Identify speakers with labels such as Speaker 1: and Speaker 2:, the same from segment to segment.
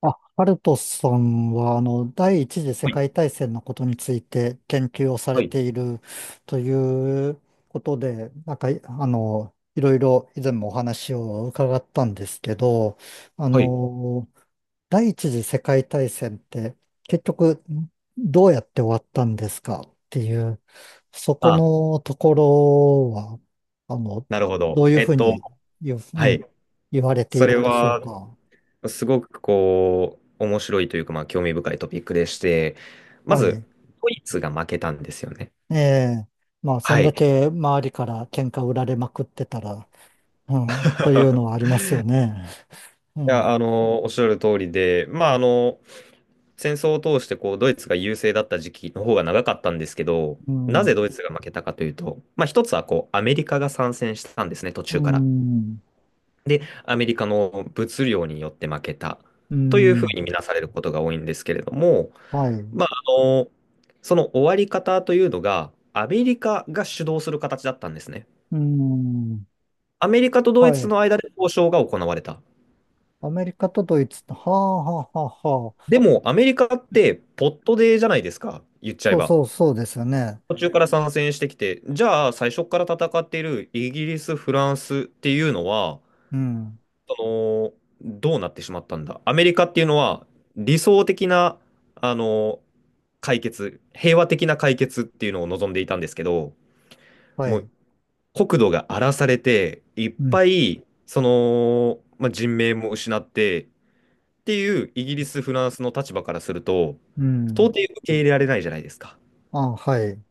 Speaker 1: あ、ハルトさんは、第一次世
Speaker 2: はい、
Speaker 1: 界大戦のことについて研究をされ
Speaker 2: はい、
Speaker 1: ているということで、なんか、いあの、いろいろ以前もお話を伺ったんですけど、あ
Speaker 2: はい。
Speaker 1: の、第一次世界大戦って結局どうやって終わったんですかっていう、そこ
Speaker 2: あ、
Speaker 1: のところは、あの、
Speaker 2: なるほ
Speaker 1: ど
Speaker 2: ど。
Speaker 1: ういうふうに言う、う
Speaker 2: はい。
Speaker 1: ん、言われてい
Speaker 2: それ
Speaker 1: るんでしょう
Speaker 2: は、
Speaker 1: か。
Speaker 2: すごくこう、面白いというか、まあ、興味深いトピックでして、ま
Speaker 1: は
Speaker 2: ず、
Speaker 1: い。
Speaker 2: ドイツが負けたんですよね。
Speaker 1: ええ、まあ、そ
Speaker 2: は
Speaker 1: んだ
Speaker 2: い。
Speaker 1: け周りから喧嘩売られまくってたら、うん、というのはあ
Speaker 2: い
Speaker 1: りますよね。う
Speaker 2: や、あ
Speaker 1: ん、
Speaker 2: の、おっしゃる通りで、まあ、あの、戦争を通して、こう、ドイツが優勢だった時期の方が長かったんですけど、
Speaker 1: う
Speaker 2: なぜ
Speaker 1: ん、
Speaker 2: ドイツが負けたかというと、まあ、一つは、こう、アメリカが参戦したんですね、途
Speaker 1: う
Speaker 2: 中から。
Speaker 1: ん、
Speaker 2: で、アメリカの物量によって負けた
Speaker 1: う
Speaker 2: というふう
Speaker 1: ん、
Speaker 2: に見なされることが多いんですけれども、
Speaker 1: はい、
Speaker 2: まあ、あの、その終わり方というのが、アメリカが主導する形だったんですね。
Speaker 1: うん、
Speaker 2: アメリカとドイ
Speaker 1: は
Speaker 2: ツ
Speaker 1: い。
Speaker 2: の間で交渉が行われた。
Speaker 1: アメリカとドイツと、はあ、はあ、はあ、はあ、
Speaker 2: でも、アメリカってポットデーじゃないですか、言っちゃえ
Speaker 1: そう
Speaker 2: ば。
Speaker 1: そう、そうですよね。
Speaker 2: 途中から参戦してきて、じゃあ最初から戦っているイギリス、フランスっていうのは、
Speaker 1: うん、
Speaker 2: その、どうなってしまったんだ。アメリカっていうのは理想的な、あの、解決、平和的な解決っていうのを望んでいたんですけど、
Speaker 1: は
Speaker 2: もう
Speaker 1: い、
Speaker 2: 国土が荒らされて、いっ
Speaker 1: うん、
Speaker 2: ぱい、その、まあ、人命も失ってっていうイギリス、フランスの立場からすると、
Speaker 1: う
Speaker 2: 到
Speaker 1: ん、
Speaker 2: 底受け入れられないじゃないですか。
Speaker 1: あ、はい、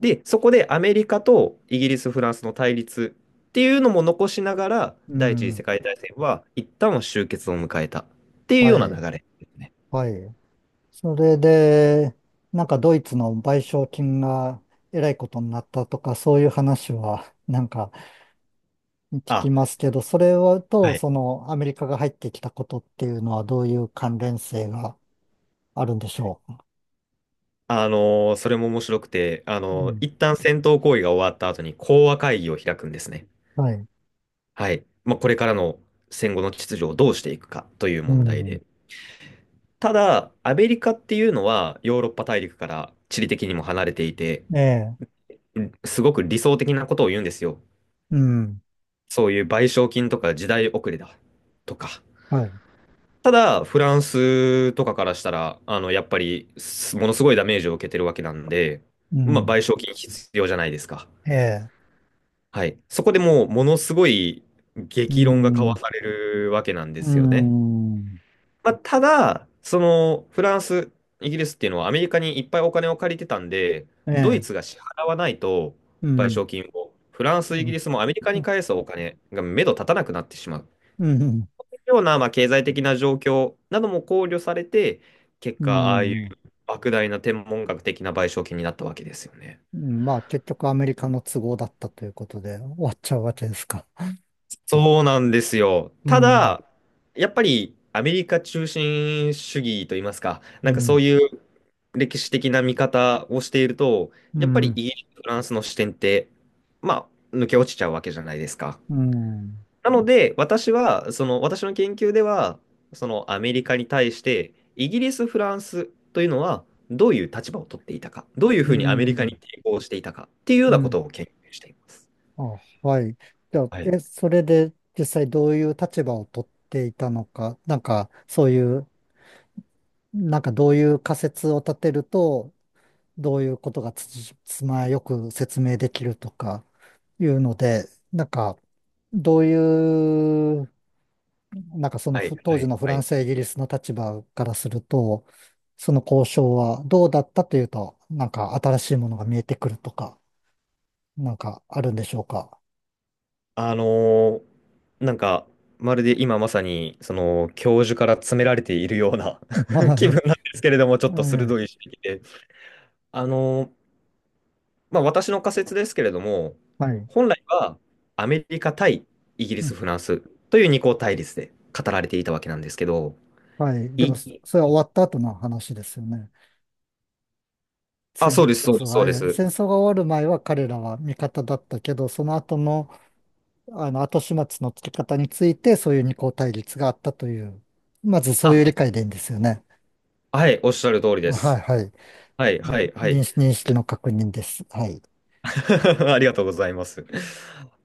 Speaker 2: で、そこでアメリカとイギリス、フランスの対立っていうのも残しながら、
Speaker 1: う
Speaker 2: 第一次世
Speaker 1: ん、
Speaker 2: 界大戦は一旦は終結を迎えたっていう
Speaker 1: は
Speaker 2: ような流
Speaker 1: い、
Speaker 2: れですね。
Speaker 1: はい。それで、なんかドイツの賠償金がえらいことになったとか、そういう話はなんか聞き
Speaker 2: あ、
Speaker 1: ますけど、それはと、
Speaker 2: はい。
Speaker 1: そのアメリカが入ってきたことっていうのはどういう関連性があるんでしょ
Speaker 2: それも面白くて、
Speaker 1: う。うん、
Speaker 2: 一旦戦闘行為が終わった後に講和会議を開くんですね。
Speaker 1: はい。
Speaker 2: はい。まあ、これからの戦後の秩序をどうしていくかという
Speaker 1: う
Speaker 2: 問題
Speaker 1: ん。
Speaker 2: で。ただ、アメリカっていうのはヨーロッパ大陸から地理的にも離れていて、
Speaker 1: ええ。
Speaker 2: すごく理想的なことを言うんですよ。
Speaker 1: うん。
Speaker 2: そういう賠償金とか時代遅れだとか。
Speaker 1: はい。
Speaker 2: ただ、フランスとかからしたら、あの、やっぱり、すものすごいダメージを受けてるわけなんで、
Speaker 1: う
Speaker 2: まあ、
Speaker 1: ん。
Speaker 2: 賠償金必要じゃないですか。
Speaker 1: ええ。
Speaker 2: はい。そこでもう、ものすごい
Speaker 1: う
Speaker 2: 激論が交わ
Speaker 1: ん。
Speaker 2: されるわけなんで
Speaker 1: う
Speaker 2: すよね。
Speaker 1: ん。
Speaker 2: まあ、ただ、その、フランス、イギリスっていうのはアメリカにいっぱいお金を借りてたんで、
Speaker 1: え
Speaker 2: ドイ
Speaker 1: え。
Speaker 2: ツが支払わないと、
Speaker 1: う
Speaker 2: 賠
Speaker 1: ん。
Speaker 2: 償金を、フランス、
Speaker 1: う
Speaker 2: イギ
Speaker 1: ん。
Speaker 2: リスもアメリカ
Speaker 1: う
Speaker 2: に
Speaker 1: ん。
Speaker 2: 返すお金が目処立たなくなってしまう。
Speaker 1: うん。
Speaker 2: ような、まあ、経済的な状況なども考慮されて、結
Speaker 1: う
Speaker 2: 果、ああいう
Speaker 1: ん
Speaker 2: 莫大な天文学的な賠償金になったわけですよね。
Speaker 1: まあ結局アメリカの都合だったということで終わっちゃうわけですか。
Speaker 2: そうなんですよ。
Speaker 1: う
Speaker 2: た
Speaker 1: ん、
Speaker 2: だ、やっぱりアメリカ中心主義といいますか、
Speaker 1: う
Speaker 2: なんかそ
Speaker 1: ん、
Speaker 2: ういう歴史的な見方をしていると、
Speaker 1: う
Speaker 2: やっぱり
Speaker 1: ん、
Speaker 2: イギリス、フランスの視点って、まあ、抜け落ちちゃうわけじゃないですか。
Speaker 1: うん、
Speaker 2: なので、私は、その、私の研究では、そのアメリカに対して、イギリス、フランスというのは、どういう立場を取っていたか、どういう
Speaker 1: う
Speaker 2: ふうにアメリカに
Speaker 1: ん、
Speaker 2: 抵抗していたかっていうよう
Speaker 1: う
Speaker 2: なこ
Speaker 1: ん。
Speaker 2: とを研究しています。
Speaker 1: あ、はい。じゃあ、
Speaker 2: はい、
Speaker 1: それで実際どういう立場を取っていたのか、なんかそういう、なんかどういう仮説を立てると、どういうことがつまよく説明できるとかいうので、なんかどういうなんかその
Speaker 2: はい、
Speaker 1: 当
Speaker 2: は
Speaker 1: 時
Speaker 2: い、
Speaker 1: のフ
Speaker 2: は
Speaker 1: ラン
Speaker 2: い。
Speaker 1: スやイギリスの立場からすると、その交渉はどうだったというと、なんか新しいものが見えてくるとか、なんかあるんでしょうか。
Speaker 2: あのーなんか、まるで今まさに、その、教授から詰められているような 気
Speaker 1: は
Speaker 2: 分なんですけれども、ちょ
Speaker 1: い。
Speaker 2: っと鋭
Speaker 1: はい。
Speaker 2: い指摘で。あのーまあ、私の仮説ですけれども、
Speaker 1: はい。
Speaker 2: 本来はアメリカ対イギリ
Speaker 1: う
Speaker 2: ス、
Speaker 1: ん、
Speaker 2: フランスという二項対立で語られていたわけなんですけど、
Speaker 1: はい。で
Speaker 2: い、
Speaker 1: も、それは終わった後の話ですよね。
Speaker 2: あ、そうです、そうです、そうです。
Speaker 1: 戦争が終わる前は彼らは味方だったけど、その後の、後始末のつけ方について、そういう二項対立があったという、まずそう
Speaker 2: あ、
Speaker 1: いう理解でいいんですよね。
Speaker 2: はい、おっしゃる通りで
Speaker 1: はい、
Speaker 2: す。
Speaker 1: はい。
Speaker 2: はい、
Speaker 1: う
Speaker 2: は
Speaker 1: ん、
Speaker 2: い、はい。
Speaker 1: 認識の確認です。はい。
Speaker 2: ありがとうございます。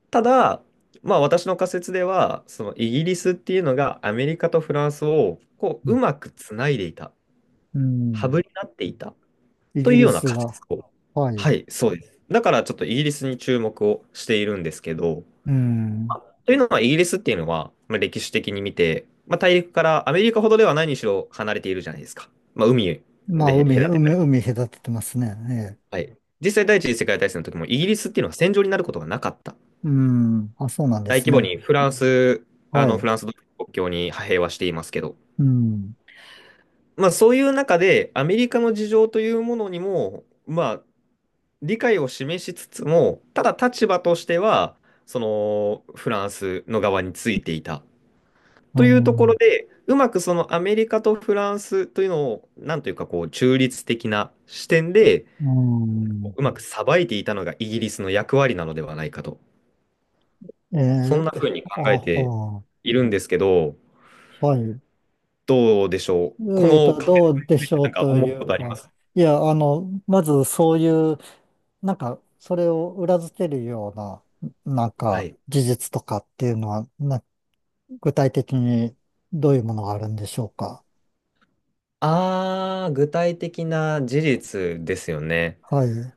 Speaker 2: ただ、まあ、私の仮説では、そのイギリスっていうのがアメリカとフランスをこう、うまくつないでいた、
Speaker 1: う
Speaker 2: ハブ
Speaker 1: ん。
Speaker 2: になっていた
Speaker 1: イ
Speaker 2: とい
Speaker 1: ギ
Speaker 2: う
Speaker 1: リ
Speaker 2: ような
Speaker 1: ス
Speaker 2: 仮
Speaker 1: が、
Speaker 2: 説を。
Speaker 1: は
Speaker 2: は
Speaker 1: い。
Speaker 2: い、そうです。だからちょっとイギリスに注目をしているんですけど、
Speaker 1: うん。
Speaker 2: というのは、イギリスっていうのは、まあ、歴史的に見て、まあ、大陸からアメリカほどではないにしろ離れているじゃないですか。まあ、海で
Speaker 1: まあ、
Speaker 2: 隔てる。
Speaker 1: 海隔ててますね。ええ。
Speaker 2: はい。実際、第一次世界大戦の時も、イギリスっていうのは戦場になることがなかった。
Speaker 1: うん。あ、そうなんで
Speaker 2: 大
Speaker 1: す
Speaker 2: 規模
Speaker 1: ね。
Speaker 2: にフランス、あ
Speaker 1: は
Speaker 2: の、フ
Speaker 1: い。
Speaker 2: ランスと国境に派兵はしていますけど、
Speaker 1: うん。
Speaker 2: まあ、そういう中で、アメリカの事情というものにも、まあ、理解を示しつつも、ただ立場としては、その、フランスの側についていた。
Speaker 1: う
Speaker 2: というところ
Speaker 1: ん。
Speaker 2: で、うまくそのアメリカとフランスというのを、なんというかこう、中立的な視点で、
Speaker 1: うん。
Speaker 2: うまくさばいていたのがイギリスの役割なのではないかと。
Speaker 1: え
Speaker 2: そんな
Speaker 1: え、
Speaker 2: ふうに
Speaker 1: あ
Speaker 2: 考えて
Speaker 1: は
Speaker 2: いるんですけど、
Speaker 1: あ、はい。
Speaker 2: どうでしょう。このカフェ
Speaker 1: どうでしょ
Speaker 2: なん
Speaker 1: う
Speaker 2: か
Speaker 1: と
Speaker 2: 思う
Speaker 1: い
Speaker 2: こ
Speaker 1: う
Speaker 2: とありま
Speaker 1: か。
Speaker 2: す
Speaker 1: いや、まずそういう、なんか、それを裏付けるような、なん
Speaker 2: は
Speaker 1: か、
Speaker 2: い。
Speaker 1: 事実とかっていうのは、具体的にどういうものがあるんでしょうか。
Speaker 2: あー、具体的な事実ですよね。
Speaker 1: はい。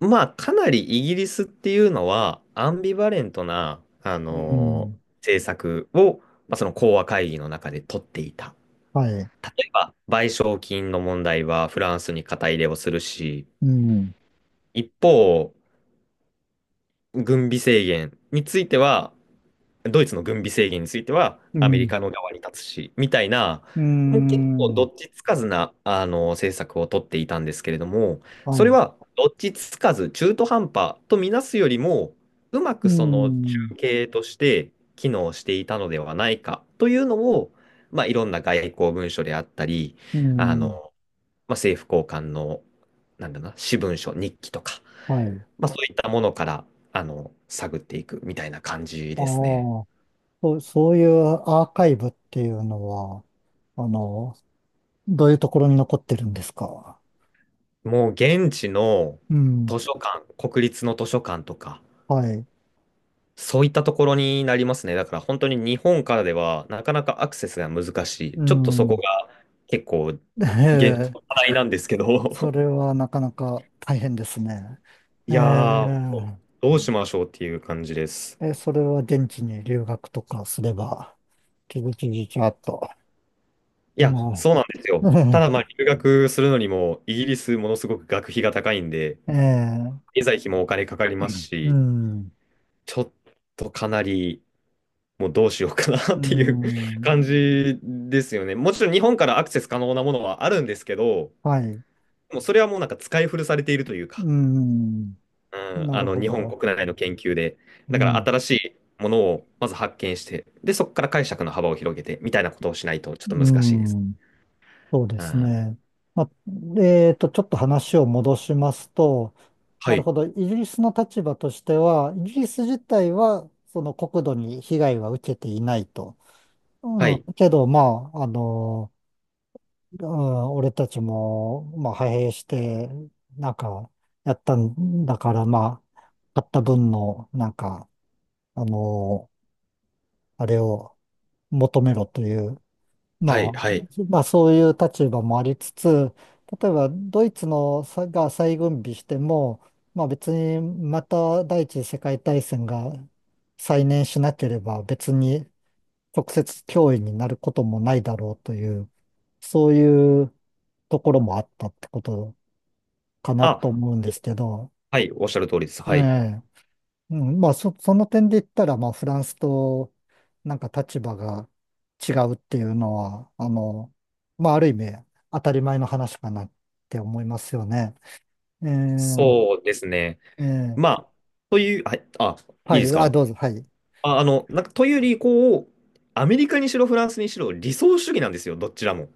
Speaker 2: まあ、かなりイギリスっていうのは、アンビバレントな、
Speaker 1: うん。
Speaker 2: 政策を、まあ、その講和会議の中で取っていた。
Speaker 1: はい。
Speaker 2: 例えば、賠償金の問題はフランスに肩入れをするし、
Speaker 1: うん。
Speaker 2: 一方、軍備制限については、ドイツの軍備制限については、
Speaker 1: う
Speaker 2: アメリ
Speaker 1: ん。
Speaker 2: カの側に立つし、みたいな、
Speaker 1: う
Speaker 2: もう結構ど
Speaker 1: ん。
Speaker 2: っちつかずな、あの、政策を取っていたんですけれども、
Speaker 1: は
Speaker 2: それ
Speaker 1: い。
Speaker 2: はどっちつかず、中途半端とみなすよりも、うま
Speaker 1: う
Speaker 2: くその
Speaker 1: ん。
Speaker 2: 中継として機能していたのではないかというのを、まあ、いろんな外交文書であったり、
Speaker 1: う
Speaker 2: あの、
Speaker 1: ん。
Speaker 2: まあ、政府高官の、なんだろうな、私文書、日記とか、
Speaker 1: はい。
Speaker 2: まあ、そういったものから、あの、探っていくみたいな感じ
Speaker 1: ああ、
Speaker 2: ですね。
Speaker 1: そういうアーカイブっていうのは、あの、どういうところに残ってるんですか。
Speaker 2: もう現地の
Speaker 1: うん。
Speaker 2: 図書館、国立の図書館とか、
Speaker 1: はい。
Speaker 2: そういったところになりますね。だから本当に日本からではなかなかアクセスが難し
Speaker 1: う
Speaker 2: い。ちょっとそこ
Speaker 1: ん。
Speaker 2: が結構現状
Speaker 1: ええ、
Speaker 2: の課題なんですけ
Speaker 1: そ
Speaker 2: ど、
Speaker 1: れ はなかなか大変ですね。え
Speaker 2: いやー、どうしましょうっていう感じです。
Speaker 1: え、それは現地に留学とかすれば。ちびちびちゃっと。
Speaker 2: いや、
Speaker 1: う
Speaker 2: そうなんです
Speaker 1: ん。
Speaker 2: よ。た だ、まあ、留学するのにも、イギリスものすごく学費が高いんで、
Speaker 1: ええ、
Speaker 2: 経済費もお金かかります
Speaker 1: う
Speaker 2: し、
Speaker 1: ん。
Speaker 2: ちょっとかなり、もうどうしようかな っ
Speaker 1: う
Speaker 2: ていう
Speaker 1: ん。
Speaker 2: 感じですよね。もちろん日本からアクセス可能なものはあるんですけど、
Speaker 1: はい。
Speaker 2: もうそれはもうなんか使い古されているというか、
Speaker 1: うん。
Speaker 2: うん、
Speaker 1: な
Speaker 2: あ
Speaker 1: る
Speaker 2: の、
Speaker 1: ほ
Speaker 2: 日本
Speaker 1: ど。
Speaker 2: 国内の研究で。
Speaker 1: う
Speaker 2: だから
Speaker 1: ん。
Speaker 2: 新しいものをまず発見して、で、そこから解釈の幅を広げて、みたいなことをしないとちょっと
Speaker 1: う
Speaker 2: 難しいです。
Speaker 1: ん。そうで
Speaker 2: うん、
Speaker 1: す
Speaker 2: は
Speaker 1: ね。まあ、ちょっと話を戻しますと、なる
Speaker 2: い、
Speaker 1: ほど。イギリスの立場としては、イギリス自体は、その国土に被害は受けていないと。う
Speaker 2: は
Speaker 1: ん。
Speaker 2: い、
Speaker 1: けど、まあ、俺たちも、まあ、派兵して、なんか、やったんだから、まあ、買った分の、なんか、あのあれを求めろという、まあ、
Speaker 2: はい、はい。
Speaker 1: まあ、そういう立場もありつつ、例えば、ドイツのさが再軍備しても、まあ、別に、また第一次世界大戦が再燃しなければ、別に直接脅威になることもないだろうという、そういうところもあったってことかな
Speaker 2: あ、
Speaker 1: と思うんですけど、
Speaker 2: はい、おっしゃる通りです。
Speaker 1: え
Speaker 2: はい。
Speaker 1: え、うん、まあその点で言ったら、まあフランスとなんか立場が違うっていうのは、まあある意味当たり前の話かなって思いますよね。ええ、
Speaker 2: そうですね。
Speaker 1: ええ、
Speaker 2: まあ、という、はい、あ、い
Speaker 1: は
Speaker 2: いです
Speaker 1: い、あ、
Speaker 2: か
Speaker 1: どうぞ、はい。
Speaker 2: あ、あの、なんか、というより、こう、アメリカにしろ、フランスにしろ、理想主義なんですよ、どちらも。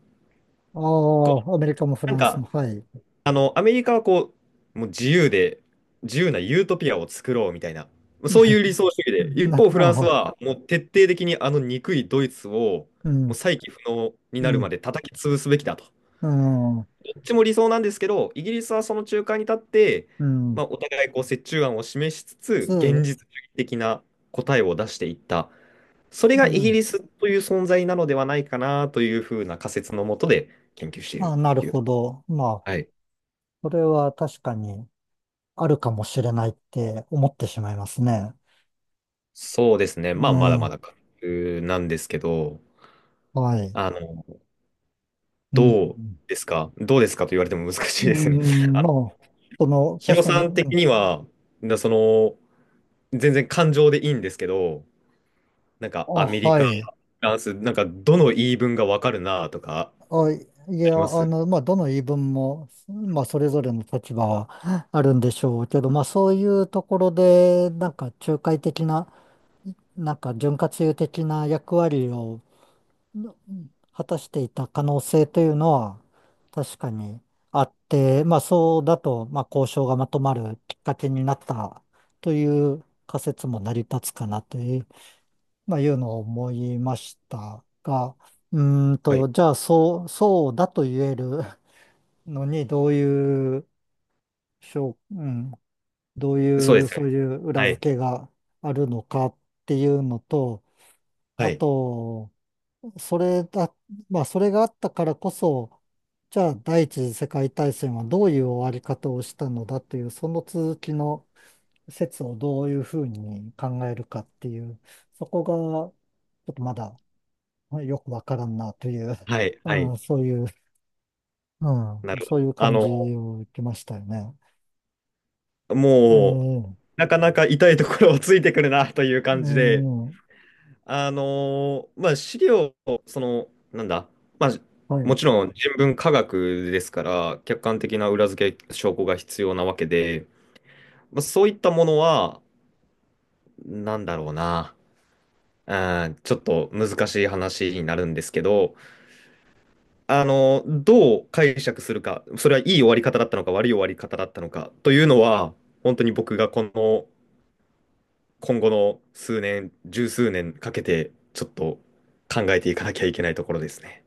Speaker 1: あ
Speaker 2: こう、
Speaker 1: あ、アメリカもフラ
Speaker 2: なん
Speaker 1: ンス
Speaker 2: か、
Speaker 1: も、はい。
Speaker 2: あの、アメリカはこう、もう自由で、自由なユートピアを作ろうみたいな、そういう理 想主義で、一
Speaker 1: な、
Speaker 2: 方、フ
Speaker 1: な、
Speaker 2: ランス
Speaker 1: あ
Speaker 2: は、もう徹底的にあの憎いドイツを、
Speaker 1: う
Speaker 2: もう
Speaker 1: ん、
Speaker 2: 再起不能になる
Speaker 1: に、
Speaker 2: まで叩き潰すべきだと。
Speaker 1: うん、
Speaker 2: っちも理想なんですけど、イギリスはその中間に立って、
Speaker 1: うん、
Speaker 2: まあ、お互いこう折衷案を示しつつ、現
Speaker 1: つ、
Speaker 2: 実主義的な答えを出していった。それ
Speaker 1: う
Speaker 2: がイギ
Speaker 1: ん、
Speaker 2: リスという存在なのではないかなというふうな仮説のもとで研究してい
Speaker 1: あ、
Speaker 2: る
Speaker 1: な
Speaker 2: っ
Speaker 1: る
Speaker 2: ていう。
Speaker 1: ほど。まあ、
Speaker 2: はい。
Speaker 1: これは確かに、あるかもしれないって思ってしまいますね。
Speaker 2: そうですね。
Speaker 1: う
Speaker 2: まあ、まだま
Speaker 1: ん、
Speaker 2: だ仮説なんですけど、
Speaker 1: はい。
Speaker 2: あの、
Speaker 1: うん、
Speaker 2: どうですかどうですかと言われても難しい
Speaker 1: う
Speaker 2: ですね。
Speaker 1: ん、まあ、
Speaker 2: ヒ
Speaker 1: 確
Speaker 2: ロ
Speaker 1: かに、
Speaker 2: さん
Speaker 1: う
Speaker 2: 的
Speaker 1: ん、
Speaker 2: には、だその、全然感情でいいんですけど、なんか
Speaker 1: あ、
Speaker 2: アメリ
Speaker 1: は
Speaker 2: カ
Speaker 1: い。
Speaker 2: ランス、なんか、どの言い分がわかるなとか、
Speaker 1: あ、い
Speaker 2: あ
Speaker 1: や、
Speaker 2: ります
Speaker 1: まあ、どの言い分も、まあ、それぞれの立場はあるんでしょうけど、まあ、そういうところで、なんか、仲介的な、なんか、潤滑油的な役割を、の果たしていた可能性というのは確かにあって、まあそうだと、まあ交渉がまとまるきっかけになったという仮説も成り立つかなという、まあいうのを思いましたが、う
Speaker 2: はい。
Speaker 1: じゃあそうだと言えるのにしょう、うん、どう
Speaker 2: そう
Speaker 1: い
Speaker 2: で
Speaker 1: う、
Speaker 2: すよ
Speaker 1: そ
Speaker 2: ね。
Speaker 1: ういう裏
Speaker 2: はい。
Speaker 1: 付けがあるのかっていうのと、
Speaker 2: は
Speaker 1: あ
Speaker 2: い。
Speaker 1: と、それだ、まあ、それがあったからこそ、じゃあ第一次世界大戦はどういう終わり方をしたのだという、その続きの説をどういうふうに考えるかっていう、そこがちょっとまだよくわからんなという、
Speaker 2: はい。は
Speaker 1: う
Speaker 2: い。
Speaker 1: ん、そういう、
Speaker 2: な
Speaker 1: うん、
Speaker 2: るほ
Speaker 1: そう
Speaker 2: ど。
Speaker 1: いう
Speaker 2: あ
Speaker 1: 感
Speaker 2: の、
Speaker 1: じを受けましたよね。
Speaker 2: もう、
Speaker 1: ええ、
Speaker 2: なかなか痛いところをついてくるな という
Speaker 1: う
Speaker 2: 感じで、
Speaker 1: ん、
Speaker 2: まあ、資料、その、なんだ、まあ、
Speaker 1: は
Speaker 2: も
Speaker 1: い。
Speaker 2: ちろん人文科学ですから、客観的な裏付け証拠が必要なわけで、まあ、そういったものは、なんだろうな、うん、ちょっと難しい話になるんですけど、あの、どう解釈するか、それはいい終わり方だったのか、悪い終わり方だったのかというのは、本当に僕がこの今後の数年、十数年かけて、ちょっと考えていかなきゃいけないところですね。